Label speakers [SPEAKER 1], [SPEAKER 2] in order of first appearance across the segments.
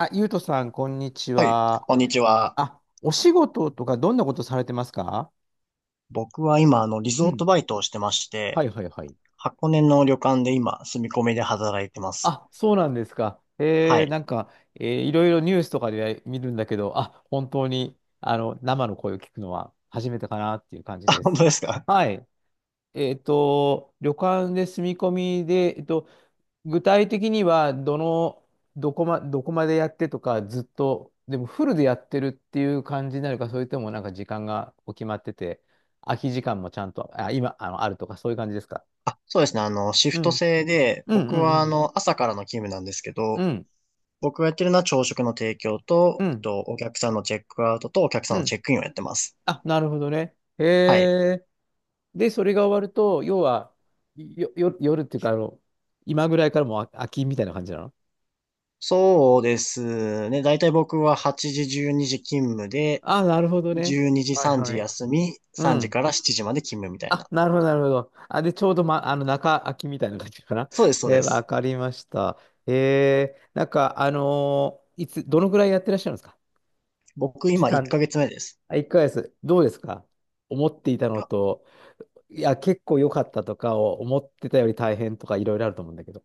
[SPEAKER 1] あ、ゆうとさん、こんにち
[SPEAKER 2] はい、
[SPEAKER 1] は。
[SPEAKER 2] こんにちは。
[SPEAKER 1] あ、お仕事とかどんなことされてますか？
[SPEAKER 2] 僕は今、リ
[SPEAKER 1] う
[SPEAKER 2] ゾー
[SPEAKER 1] ん。
[SPEAKER 2] トバイトをしてまして、
[SPEAKER 1] はいはいはい。
[SPEAKER 2] 箱根の旅館で今、住み込みで働いてます。
[SPEAKER 1] あ、そうなんですか。
[SPEAKER 2] はい。
[SPEAKER 1] いろいろニュースとかで見るんだけど、あ、本当に、生の声を聞くのは初めてかなっていう感 じ
[SPEAKER 2] あ、
[SPEAKER 1] で
[SPEAKER 2] 本
[SPEAKER 1] す。
[SPEAKER 2] 当ですか？
[SPEAKER 1] はい。旅館で住み込みで、具体的には、どこまでやってとか、ずっと、でもフルでやってるっていう感じになるか、それともなんか時間がお決まってて、空き時間もちゃんと、あ、今、あるとか、そういう感じですか？
[SPEAKER 2] あ、そうですね。シ
[SPEAKER 1] う
[SPEAKER 2] フト
[SPEAKER 1] ん。
[SPEAKER 2] 制で、
[SPEAKER 1] うんう
[SPEAKER 2] 僕
[SPEAKER 1] んう
[SPEAKER 2] は、
[SPEAKER 1] ん。
[SPEAKER 2] 朝からの勤務なんですけ
[SPEAKER 1] う
[SPEAKER 2] ど、
[SPEAKER 1] ん。
[SPEAKER 2] 僕がやってるのは朝食の提供
[SPEAKER 1] う
[SPEAKER 2] と、
[SPEAKER 1] ん。
[SPEAKER 2] お客さんのチェックアウトとお客さ
[SPEAKER 1] う
[SPEAKER 2] んの
[SPEAKER 1] ん。
[SPEAKER 2] チェックインをやってます。
[SPEAKER 1] あ、なるほどね。へ
[SPEAKER 2] はい。
[SPEAKER 1] え。で、それが終わると、要は、夜っていうか、今ぐらいからもう空きみたいな感じなの？
[SPEAKER 2] そうですね。だいたい僕は8時、12時勤務で、
[SPEAKER 1] あ、なるほどね。
[SPEAKER 2] 12時、
[SPEAKER 1] はい
[SPEAKER 2] 3
[SPEAKER 1] は
[SPEAKER 2] 時
[SPEAKER 1] い。
[SPEAKER 2] 休み、
[SPEAKER 1] う
[SPEAKER 2] 3時
[SPEAKER 1] ん。
[SPEAKER 2] から7時まで勤務みたい
[SPEAKER 1] あ、
[SPEAKER 2] な。
[SPEAKER 1] なるほど、なるほど。あ、で、ちょうど、ま、中空きみたいな感じかな。
[SPEAKER 2] そうです、そう
[SPEAKER 1] えー、
[SPEAKER 2] で
[SPEAKER 1] わ
[SPEAKER 2] す。
[SPEAKER 1] かりました。いつ、どのぐらいやってらっしゃるんですか？
[SPEAKER 2] 僕
[SPEAKER 1] 期
[SPEAKER 2] 今1
[SPEAKER 1] 間。
[SPEAKER 2] ヶ月目です。
[SPEAKER 1] あ、1ヶ月。どうですか？思っていたの
[SPEAKER 2] あ、
[SPEAKER 1] と、いや、結構良かったとかを思ってたより大変とかいろいろあると思うんだけど。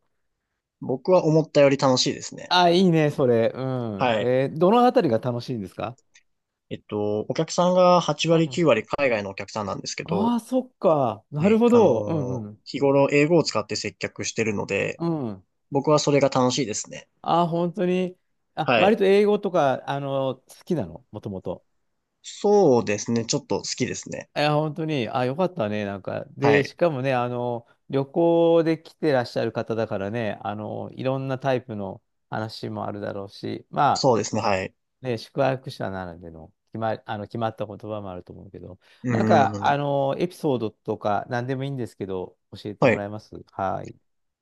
[SPEAKER 2] 僕は思ったより楽しいですね。
[SPEAKER 1] あ、いいね、それ。うん。
[SPEAKER 2] はい。
[SPEAKER 1] えー、どのあたりが楽しいんですか？
[SPEAKER 2] お客さんが8
[SPEAKER 1] う
[SPEAKER 2] 割
[SPEAKER 1] ん。
[SPEAKER 2] 9割海外のお客さんなんですけ
[SPEAKER 1] あ
[SPEAKER 2] ど、
[SPEAKER 1] あ、そっか。
[SPEAKER 2] は
[SPEAKER 1] なる
[SPEAKER 2] い。
[SPEAKER 1] ほど。うんうん。
[SPEAKER 2] 日頃英語を使って接客してるので、
[SPEAKER 1] うん。
[SPEAKER 2] 僕はそれが楽しいですね。
[SPEAKER 1] ああ、本当に。あ、
[SPEAKER 2] は
[SPEAKER 1] 割
[SPEAKER 2] い。
[SPEAKER 1] と英語とか、好きなのもともと。元々？
[SPEAKER 2] そうですね。ちょっと好きですね。
[SPEAKER 1] いや、本当に、あ、よかったね、なんか。
[SPEAKER 2] は
[SPEAKER 1] で、し
[SPEAKER 2] い。
[SPEAKER 1] かもね、旅行で来てらっしゃる方だからね、いろんなタイプの話もあるだろうし、ま
[SPEAKER 2] そうですね。はい。
[SPEAKER 1] あ、ね、宿泊者ならでの、決まった言葉もあると思うけど、
[SPEAKER 2] う
[SPEAKER 1] なんか、
[SPEAKER 2] ーん。
[SPEAKER 1] エピソードとか、何でもいいんですけど、教えて
[SPEAKER 2] は
[SPEAKER 1] も
[SPEAKER 2] い。
[SPEAKER 1] らえます？はい。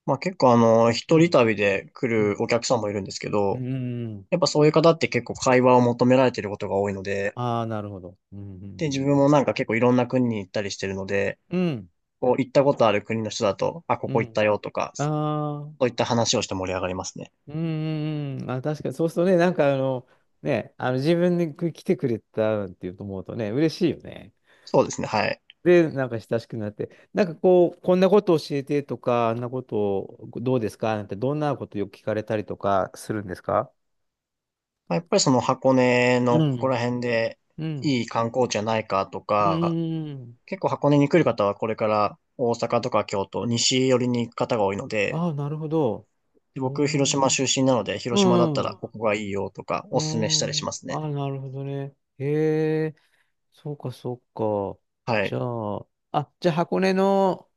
[SPEAKER 2] まあ結構
[SPEAKER 1] う
[SPEAKER 2] 一人
[SPEAKER 1] ん。
[SPEAKER 2] 旅で来
[SPEAKER 1] う
[SPEAKER 2] る
[SPEAKER 1] ん。
[SPEAKER 2] お客さんもいるんですけ
[SPEAKER 1] う
[SPEAKER 2] ど、
[SPEAKER 1] んうんうん。
[SPEAKER 2] やっぱそういう方って結構会話を求められてることが多いので、
[SPEAKER 1] ああー、なるほど。うん、うん、
[SPEAKER 2] で、
[SPEAKER 1] う
[SPEAKER 2] 自分
[SPEAKER 1] ん。
[SPEAKER 2] もなんか結構いろんな国に行ったりしてるので、こう、行ったことある国の人だと、あ、ここ行ったよと
[SPEAKER 1] ああなるほど。うんうんうんうん
[SPEAKER 2] か、そ
[SPEAKER 1] うんうん。あ
[SPEAKER 2] う
[SPEAKER 1] ー。
[SPEAKER 2] いった話をして盛り上がりますね。
[SPEAKER 1] うんうんうん。あ、確かに、そうするとね、なんかあの、ね、あの自分に来てくれたっていうと思うとね、嬉しいよね。
[SPEAKER 2] そうですね、はい。
[SPEAKER 1] で、なんか親しくなって、なんかこう、こんなこと教えてとか、あんなことどうですかなんて、どんなことよく聞かれたりとかするんですか？
[SPEAKER 2] まあ、やっぱりその箱根
[SPEAKER 1] う
[SPEAKER 2] のここら
[SPEAKER 1] ん。
[SPEAKER 2] 辺で
[SPEAKER 1] うん。
[SPEAKER 2] いい観光地はないかと
[SPEAKER 1] う
[SPEAKER 2] か、
[SPEAKER 1] ーん。
[SPEAKER 2] 結構箱根に来る方はこれから大阪とか京都、西寄りに行く方が多いので、
[SPEAKER 1] ああ、なるほど。
[SPEAKER 2] で
[SPEAKER 1] うー
[SPEAKER 2] 僕、広島
[SPEAKER 1] ん。
[SPEAKER 2] 出身なので、
[SPEAKER 1] う
[SPEAKER 2] 広島だった
[SPEAKER 1] ん。
[SPEAKER 2] ら
[SPEAKER 1] う
[SPEAKER 2] ここがいいよとか、
[SPEAKER 1] ー
[SPEAKER 2] おすすめしたりしま
[SPEAKER 1] ん。
[SPEAKER 2] すね。
[SPEAKER 1] ああ、なるほどね。へえ、そうか、そうか。
[SPEAKER 2] は
[SPEAKER 1] じ
[SPEAKER 2] い。
[SPEAKER 1] ゃあ、あ、じゃあ箱根の、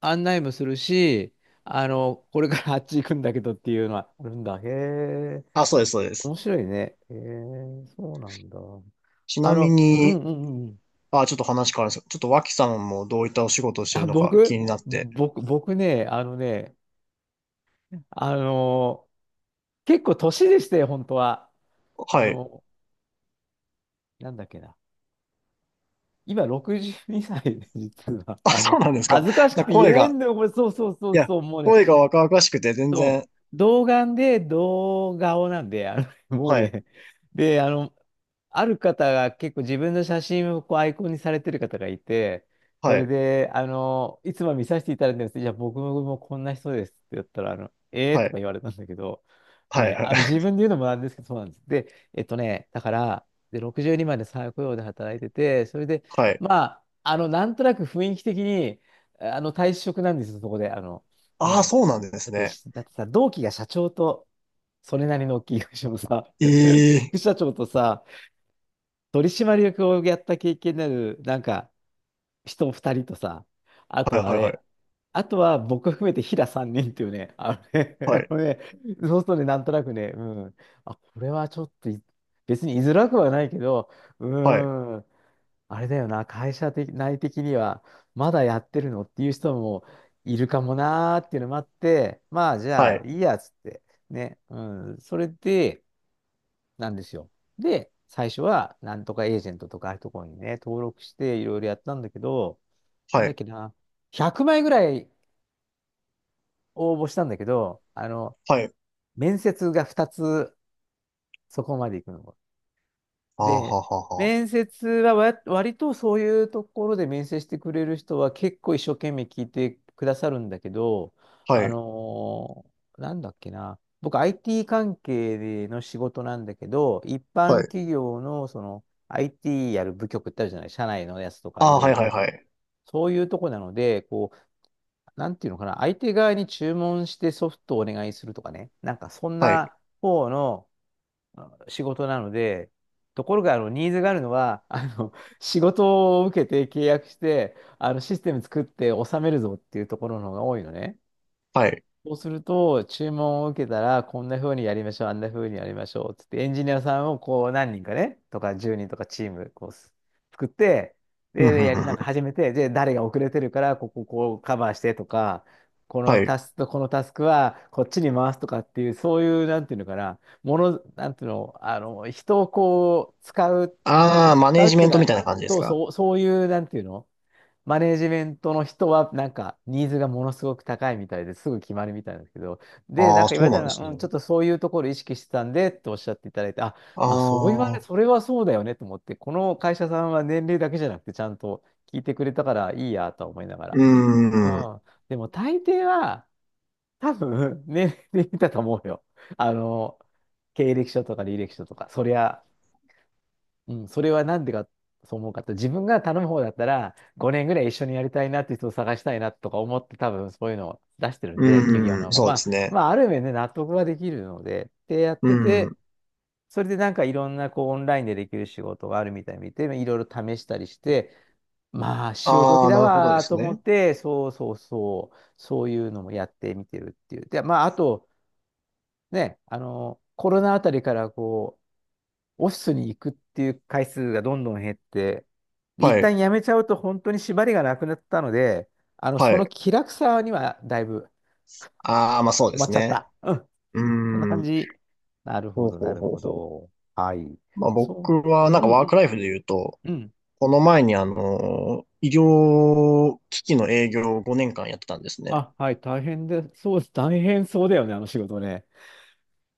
[SPEAKER 1] 案内もするし、これからあっち行くんだけどっていうのはあるんだ。へえ、
[SPEAKER 2] あ、そうです、そうです。
[SPEAKER 1] 面白いね。へえ、そうなんだ。
[SPEAKER 2] ち
[SPEAKER 1] あ
[SPEAKER 2] なみ
[SPEAKER 1] の、うん
[SPEAKER 2] に、
[SPEAKER 1] うんうん。
[SPEAKER 2] あ、ちょっと話変わるんですけど、ちょっと脇さんもどういったお仕事をして
[SPEAKER 1] あ、
[SPEAKER 2] るのか気になって、
[SPEAKER 1] 僕ね、あの、結構年でして本当は。あ
[SPEAKER 2] はい。
[SPEAKER 1] の、なんだっけな。今62歳で、実は。
[SPEAKER 2] あ、
[SPEAKER 1] あ
[SPEAKER 2] そ
[SPEAKER 1] の、
[SPEAKER 2] うなんですか。
[SPEAKER 1] 恥ずかしく
[SPEAKER 2] な
[SPEAKER 1] て言え
[SPEAKER 2] 声
[SPEAKER 1] ない
[SPEAKER 2] が、
[SPEAKER 1] んだよ、これ。そうそうそ
[SPEAKER 2] い
[SPEAKER 1] う
[SPEAKER 2] や、
[SPEAKER 1] そう。もうね、
[SPEAKER 2] 声が若々しくて全然、
[SPEAKER 1] そう、童顔で童顔なんで、もう
[SPEAKER 2] はい、
[SPEAKER 1] ね、で、ある方が結構自分の写真をこうアイコンにされてる方がいて、そ
[SPEAKER 2] は
[SPEAKER 1] れ
[SPEAKER 2] い、
[SPEAKER 1] で、いつも見させていただいてるんですけど、じゃあ僕もこんな人ですって言ったら、ええー、
[SPEAKER 2] は
[SPEAKER 1] とか
[SPEAKER 2] い、
[SPEAKER 1] 言われたんだけど、は
[SPEAKER 2] はい、
[SPEAKER 1] い、
[SPEAKER 2] はい、
[SPEAKER 1] 自分で言うのもなんですけど、そうなんです。で、だから、で、62まで再雇用で働いてて、それで、
[SPEAKER 2] はい。
[SPEAKER 1] まあ、なんとなく雰囲気的に、退職なんですよ、そこで、う
[SPEAKER 2] ああ、
[SPEAKER 1] ん。
[SPEAKER 2] そうなんですね。
[SPEAKER 1] だってさ、同期が社長と、それなりの大きい会社のさ、
[SPEAKER 2] ええ、
[SPEAKER 1] 副社長とさ、取締役をやった経験のある、なんか、人2人とさ、あ
[SPEAKER 2] はい、
[SPEAKER 1] とあ
[SPEAKER 2] はい、は
[SPEAKER 1] れ、あとは僕含めて平3人っていうね、あのね、
[SPEAKER 2] い、
[SPEAKER 1] あのね、そうするとね、なんとなくね、うん、あ、これはちょっとい別に居づらくはないけど、う
[SPEAKER 2] はい、
[SPEAKER 1] ーん、あれだよな、会社的、内的には、まだやってるのっていう人もいるかもなーっていうのもあって、まあじ
[SPEAKER 2] はい、は
[SPEAKER 1] ゃあ
[SPEAKER 2] い、
[SPEAKER 1] いいやつって、ね、うん、それで、なんですよ。で、最初は、なんとかエージェントとかああいうところにね、登録していろいろやったんだけど、なん
[SPEAKER 2] は
[SPEAKER 1] だっ
[SPEAKER 2] い、
[SPEAKER 1] けな、100枚ぐらい応募したんだけど、
[SPEAKER 2] はい。
[SPEAKER 1] 面接が2つそこまで行くの。
[SPEAKER 2] ああ、
[SPEAKER 1] で、
[SPEAKER 2] はははは。
[SPEAKER 1] 面接はわ割とそういうところで面接してくれる人は結構一生懸命聞いてくださるんだけど、
[SPEAKER 2] は
[SPEAKER 1] あ
[SPEAKER 2] い、
[SPEAKER 1] のーなんだっけな、僕 IT 関係の仕事なんだけど、一
[SPEAKER 2] は
[SPEAKER 1] 般
[SPEAKER 2] い。
[SPEAKER 1] 企業のその IT やる部局ってあるじゃない、社内のやつとかい
[SPEAKER 2] ああ、
[SPEAKER 1] ろ
[SPEAKER 2] は
[SPEAKER 1] い
[SPEAKER 2] い、は
[SPEAKER 1] ろ。
[SPEAKER 2] い、はい、
[SPEAKER 1] そういうとこなので、こう、なんていうのかな、相手側に注文してソフトをお願いするとかね、なんかそん
[SPEAKER 2] はい、
[SPEAKER 1] な方の仕事なので、ところがあのニーズがあるのは、あの仕事を受けて契約して、あのシステム作って納めるぞっていうところの方が多いのね。
[SPEAKER 2] はい。
[SPEAKER 1] そうすると、注文を受けたら、こんな風にやりましょう、あんな風にやりましょう、つって、エンジニアさんをこう何人かね、とか10人とかチームこうす作って、
[SPEAKER 2] ふん
[SPEAKER 1] で、で
[SPEAKER 2] ふん
[SPEAKER 1] や
[SPEAKER 2] ふ
[SPEAKER 1] り
[SPEAKER 2] ん
[SPEAKER 1] な
[SPEAKER 2] ふ
[SPEAKER 1] んか
[SPEAKER 2] ん。
[SPEAKER 1] 始めて、で、誰が遅れてるから、こうカバーしてとか、こ
[SPEAKER 2] は
[SPEAKER 1] の
[SPEAKER 2] い。
[SPEAKER 1] タスクとこのタスクはこっちに回すとかっていう、そういう、なんていうのかな、もの、なんていうの、人をこう、使う、
[SPEAKER 2] ああ、マネ
[SPEAKER 1] 使
[SPEAKER 2] ー
[SPEAKER 1] うっ
[SPEAKER 2] ジ
[SPEAKER 1] てい
[SPEAKER 2] メ
[SPEAKER 1] う
[SPEAKER 2] ントみ
[SPEAKER 1] か、
[SPEAKER 2] たいな感じで
[SPEAKER 1] そ
[SPEAKER 2] す
[SPEAKER 1] う
[SPEAKER 2] か？
[SPEAKER 1] そう、そういう、なんていうの、マネージメントの人は、なんか、ニーズがものすごく高いみたいですぐ決まるみたいなんですけど、で、なん
[SPEAKER 2] ああ、
[SPEAKER 1] か言わ
[SPEAKER 2] そ
[SPEAKER 1] れ
[SPEAKER 2] う
[SPEAKER 1] た
[SPEAKER 2] な
[SPEAKER 1] の
[SPEAKER 2] んです
[SPEAKER 1] は、うん、ちょ
[SPEAKER 2] ね。
[SPEAKER 1] っとそういうところ意識してたんで、っておっしゃっていただいて、あ、
[SPEAKER 2] あ
[SPEAKER 1] まあ、そう言われ、
[SPEAKER 2] あ、
[SPEAKER 1] それはそうだよねと思って、この会社さんは年齢だけじゃなくて、ちゃんと聞いてくれたからいいやとは思いなが
[SPEAKER 2] う
[SPEAKER 1] ら。
[SPEAKER 2] ー
[SPEAKER 1] う
[SPEAKER 2] ん、う
[SPEAKER 1] ん。でも、大抵は、多分、年齢だと思うよ。あの、経歴書とか履歴書とか、そりゃ、うん、それはなんでか、そう思うかって、自分が頼む方だったら、5年ぐらい一緒にやりたいなって人を探したいなとか思って、多分そういうのを出してるんで、企業
[SPEAKER 2] ーん、
[SPEAKER 1] のも。
[SPEAKER 2] そ
[SPEAKER 1] ま
[SPEAKER 2] うで
[SPEAKER 1] あ、
[SPEAKER 2] すね。
[SPEAKER 1] まあ、ある面ね、納得ができるので、で、やっ
[SPEAKER 2] う
[SPEAKER 1] てて、
[SPEAKER 2] ん。
[SPEAKER 1] それでなんかいろんなこうオンラインでできる仕事があるみたいに見て、いろいろ試したりして、まあ、潮時
[SPEAKER 2] ああ、
[SPEAKER 1] だ
[SPEAKER 2] なるほどで
[SPEAKER 1] わーと
[SPEAKER 2] す
[SPEAKER 1] 思
[SPEAKER 2] ね。
[SPEAKER 1] って、そうそうそう、そういうのもやってみてるっていう。で、まあ、あと、ね、コロナあたりからこう、オフィスに行くっていう回数がどんどん減って、で、一
[SPEAKER 2] はい、
[SPEAKER 1] 旦辞めちゃうと本当に縛りがなくなったので、
[SPEAKER 2] は
[SPEAKER 1] その
[SPEAKER 2] い。
[SPEAKER 1] 気楽さにはだいぶ
[SPEAKER 2] ああ、まあそうで
[SPEAKER 1] 困っ
[SPEAKER 2] す
[SPEAKER 1] ちゃっ
[SPEAKER 2] ね。
[SPEAKER 1] た。うん。
[SPEAKER 2] う
[SPEAKER 1] そんな感
[SPEAKER 2] ーん。
[SPEAKER 1] じ。なるほ
[SPEAKER 2] ほう
[SPEAKER 1] ど、な
[SPEAKER 2] ほう
[SPEAKER 1] る
[SPEAKER 2] ほう
[SPEAKER 1] ほ
[SPEAKER 2] ほう。
[SPEAKER 1] ど。はい。
[SPEAKER 2] まあ
[SPEAKER 1] そ
[SPEAKER 2] 僕はなん
[SPEAKER 1] う。
[SPEAKER 2] か
[SPEAKER 1] うん
[SPEAKER 2] ワ
[SPEAKER 1] う
[SPEAKER 2] ーク
[SPEAKER 1] ん
[SPEAKER 2] ライフで言うと、
[SPEAKER 1] うん。
[SPEAKER 2] この前に医療機器の営業を5年間やってたんですね。
[SPEAKER 1] あ、はい、大変で、そうです。大変そうだよね、あの仕事ね。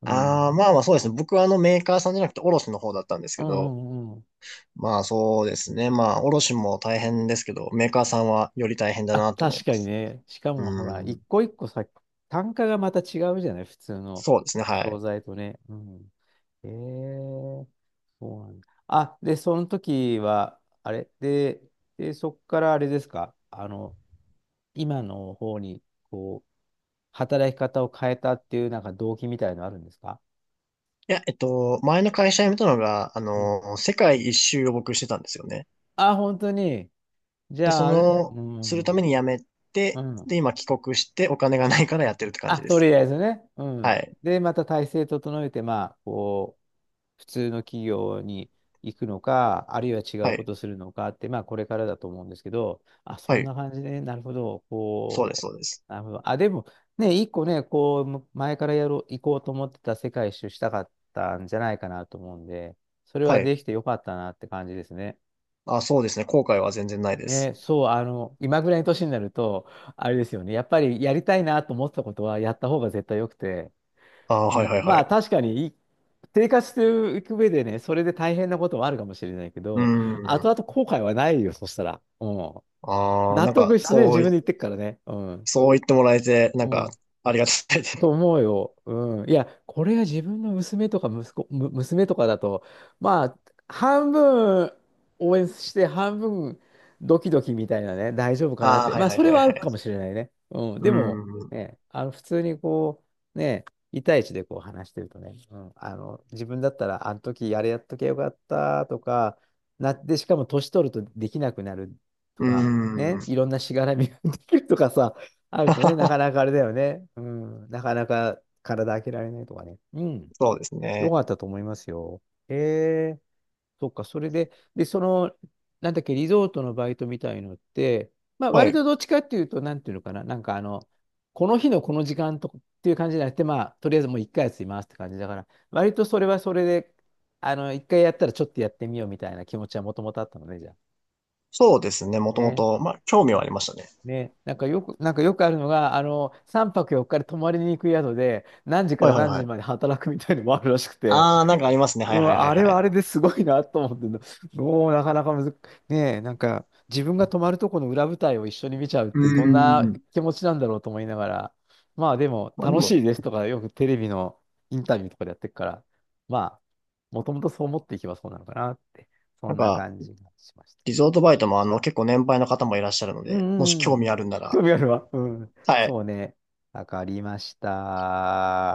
[SPEAKER 1] うん。う
[SPEAKER 2] あ
[SPEAKER 1] ん
[SPEAKER 2] あ、まあまあそうですね。僕はあのメーカーさんじゃなくて卸の方だったんです
[SPEAKER 1] う
[SPEAKER 2] けど、
[SPEAKER 1] んうん。
[SPEAKER 2] まあそうですね。まあ卸も大変ですけど、メーカーさんはより大変だ
[SPEAKER 1] あ、
[SPEAKER 2] なと思
[SPEAKER 1] 確
[SPEAKER 2] いま
[SPEAKER 1] かに
[SPEAKER 2] す。
[SPEAKER 1] ね。しか
[SPEAKER 2] う
[SPEAKER 1] もほら、
[SPEAKER 2] ーん。
[SPEAKER 1] 一個一個さ、単価がまた違うじゃない、普通の
[SPEAKER 2] そうですね。は
[SPEAKER 1] 商
[SPEAKER 2] い。
[SPEAKER 1] 材とね。うん。えー、そうなんだ。あ、で、その時は、あれで、で、そこからあれですか、今の方に、働き方を変えたっていう、なんか動機みたいのあるんですか？
[SPEAKER 2] いや、前の会社辞めたのが、
[SPEAKER 1] うん。
[SPEAKER 2] 世界一周を僕してたんですよね。
[SPEAKER 1] あ、本当に。じ
[SPEAKER 2] で、
[SPEAKER 1] ゃ
[SPEAKER 2] そ
[SPEAKER 1] あ、ある、う
[SPEAKER 2] の、する
[SPEAKER 1] ん、
[SPEAKER 2] ために辞め
[SPEAKER 1] う
[SPEAKER 2] て、
[SPEAKER 1] ん、うん。
[SPEAKER 2] で、今帰国してお金がないからやってるって感
[SPEAKER 1] あ、
[SPEAKER 2] じで
[SPEAKER 1] と
[SPEAKER 2] す。
[SPEAKER 1] りあえずね。う
[SPEAKER 2] は
[SPEAKER 1] ん。
[SPEAKER 2] い。
[SPEAKER 1] で、また体制整えて、普通の企業に行くのか、あるいは違う
[SPEAKER 2] は
[SPEAKER 1] こ
[SPEAKER 2] い。
[SPEAKER 1] とするのかって、まあ、これからだと思うんですけど、あ、そ
[SPEAKER 2] は
[SPEAKER 1] んな
[SPEAKER 2] い。
[SPEAKER 1] 感じで、なるほど、
[SPEAKER 2] そうです、そうです。
[SPEAKER 1] なるほど。あ、でも、ね、一個ね、前からやろう、行こうと思ってた世界一周したかったんじゃないかなと思うんで、それ
[SPEAKER 2] は
[SPEAKER 1] は
[SPEAKER 2] い。
[SPEAKER 1] できてよかったなって感じですね。
[SPEAKER 2] あ、そうですね。後悔は全然ないで
[SPEAKER 1] ね、
[SPEAKER 2] す。
[SPEAKER 1] そう、あの、今ぐらいの年になると、あれですよね、やっぱりやりたいなと思ってたことは、やった方が絶対良くて、
[SPEAKER 2] あ、
[SPEAKER 1] う
[SPEAKER 2] はい、はい、
[SPEAKER 1] ん、
[SPEAKER 2] は
[SPEAKER 1] まあ
[SPEAKER 2] い。
[SPEAKER 1] 確かにい生活していく上でね、それで大変なこともあるかもしれないけ
[SPEAKER 2] うー
[SPEAKER 1] ど、
[SPEAKER 2] ん。
[SPEAKER 1] 後々後悔はないよ、そしたら。うん。
[SPEAKER 2] あー、
[SPEAKER 1] 納
[SPEAKER 2] なん
[SPEAKER 1] 得
[SPEAKER 2] か、
[SPEAKER 1] してね、
[SPEAKER 2] そ
[SPEAKER 1] 自
[SPEAKER 2] う
[SPEAKER 1] 分
[SPEAKER 2] い、
[SPEAKER 1] で言ってくからね。うん。
[SPEAKER 2] そう言ってもらえて、なん
[SPEAKER 1] う
[SPEAKER 2] か、
[SPEAKER 1] ん。
[SPEAKER 2] ありがたいです。
[SPEAKER 1] と 思うよ。うん。いや、これが自分の娘とか息子、娘とかだと、まあ、半分応援して、半分ドキドキみたいなね、大丈夫かなっ
[SPEAKER 2] ああ、
[SPEAKER 1] て。
[SPEAKER 2] はい、
[SPEAKER 1] まあ、
[SPEAKER 2] はい、
[SPEAKER 1] それ
[SPEAKER 2] は
[SPEAKER 1] は
[SPEAKER 2] い、
[SPEAKER 1] あ
[SPEAKER 2] は
[SPEAKER 1] るかも
[SPEAKER 2] い。
[SPEAKER 1] しれないね。うん。
[SPEAKER 2] う
[SPEAKER 1] でも、
[SPEAKER 2] ん。
[SPEAKER 1] ね、普通にね、一対いちでこう話してるとね、うん、あの、自分だったら、あの時あれやっときゃよかったとか、なって、しかも年取るとできなくなると
[SPEAKER 2] う
[SPEAKER 1] か、
[SPEAKER 2] ん。
[SPEAKER 1] ね、いろんなしがらみができるとかさ、あるとね、なかなかあれだよね。うん。なかなか体開けられないとかね。うん。
[SPEAKER 2] そうです
[SPEAKER 1] よ
[SPEAKER 2] ね。
[SPEAKER 1] かったと思いますよ。へえ、そっか。それで、で、その、なんだっけ、リゾートのバイトみたいのって、まあ、
[SPEAKER 2] は
[SPEAKER 1] 割
[SPEAKER 2] い。
[SPEAKER 1] とどっちかっていうと、なんていうのかな。この日のこの時間とかっていう感じじゃなくて、まあ、とりあえずもう一回休みますって感じだから、割とそれはそれで、あの、一回やったらちょっとやってみようみたいな気持ちはもともとあったのね、じゃあ。
[SPEAKER 2] そうですね。もとも
[SPEAKER 1] ね。
[SPEAKER 2] と、まあ、興
[SPEAKER 1] う
[SPEAKER 2] 味はあ
[SPEAKER 1] ん。
[SPEAKER 2] りましたね。
[SPEAKER 1] ね、なんかよくあるのが、あの、3泊4日で泊まりに行く宿で、何時か
[SPEAKER 2] はい、
[SPEAKER 1] ら
[SPEAKER 2] はい、
[SPEAKER 1] 何
[SPEAKER 2] は
[SPEAKER 1] 時まで
[SPEAKER 2] い。
[SPEAKER 1] 働くみたいのもあるらしくて、
[SPEAKER 2] ああ、なんかありますね。は
[SPEAKER 1] う
[SPEAKER 2] い、は
[SPEAKER 1] ん、
[SPEAKER 2] い、はい、
[SPEAKER 1] あ
[SPEAKER 2] は
[SPEAKER 1] れ
[SPEAKER 2] い。
[SPEAKER 1] はあれですごいなと思ってんだ、もうなかなかむず、ねえ、なんか自分が泊まるとこの裏舞台を一緒に見ちゃうっ
[SPEAKER 2] う
[SPEAKER 1] てどんな
[SPEAKER 2] ん。
[SPEAKER 1] 気持ちなんだろうと思いながら、まあでも
[SPEAKER 2] まあ、で
[SPEAKER 1] 楽し
[SPEAKER 2] も、
[SPEAKER 1] いですとか、よくテレビのインタビューとかでやってるから、まあ、もともとそう思っていけばそうなのかなって、そ
[SPEAKER 2] なん
[SPEAKER 1] んな
[SPEAKER 2] か、
[SPEAKER 1] 感じがしました。
[SPEAKER 2] リゾートバイトも結構年配の方もいらっしゃるの
[SPEAKER 1] う
[SPEAKER 2] で、もし
[SPEAKER 1] ん、う
[SPEAKER 2] 興
[SPEAKER 1] ん。
[SPEAKER 2] 味あるんな
[SPEAKER 1] 興
[SPEAKER 2] ら、
[SPEAKER 1] 味あるわ。うん。
[SPEAKER 2] はい、
[SPEAKER 1] そうね。わかりました。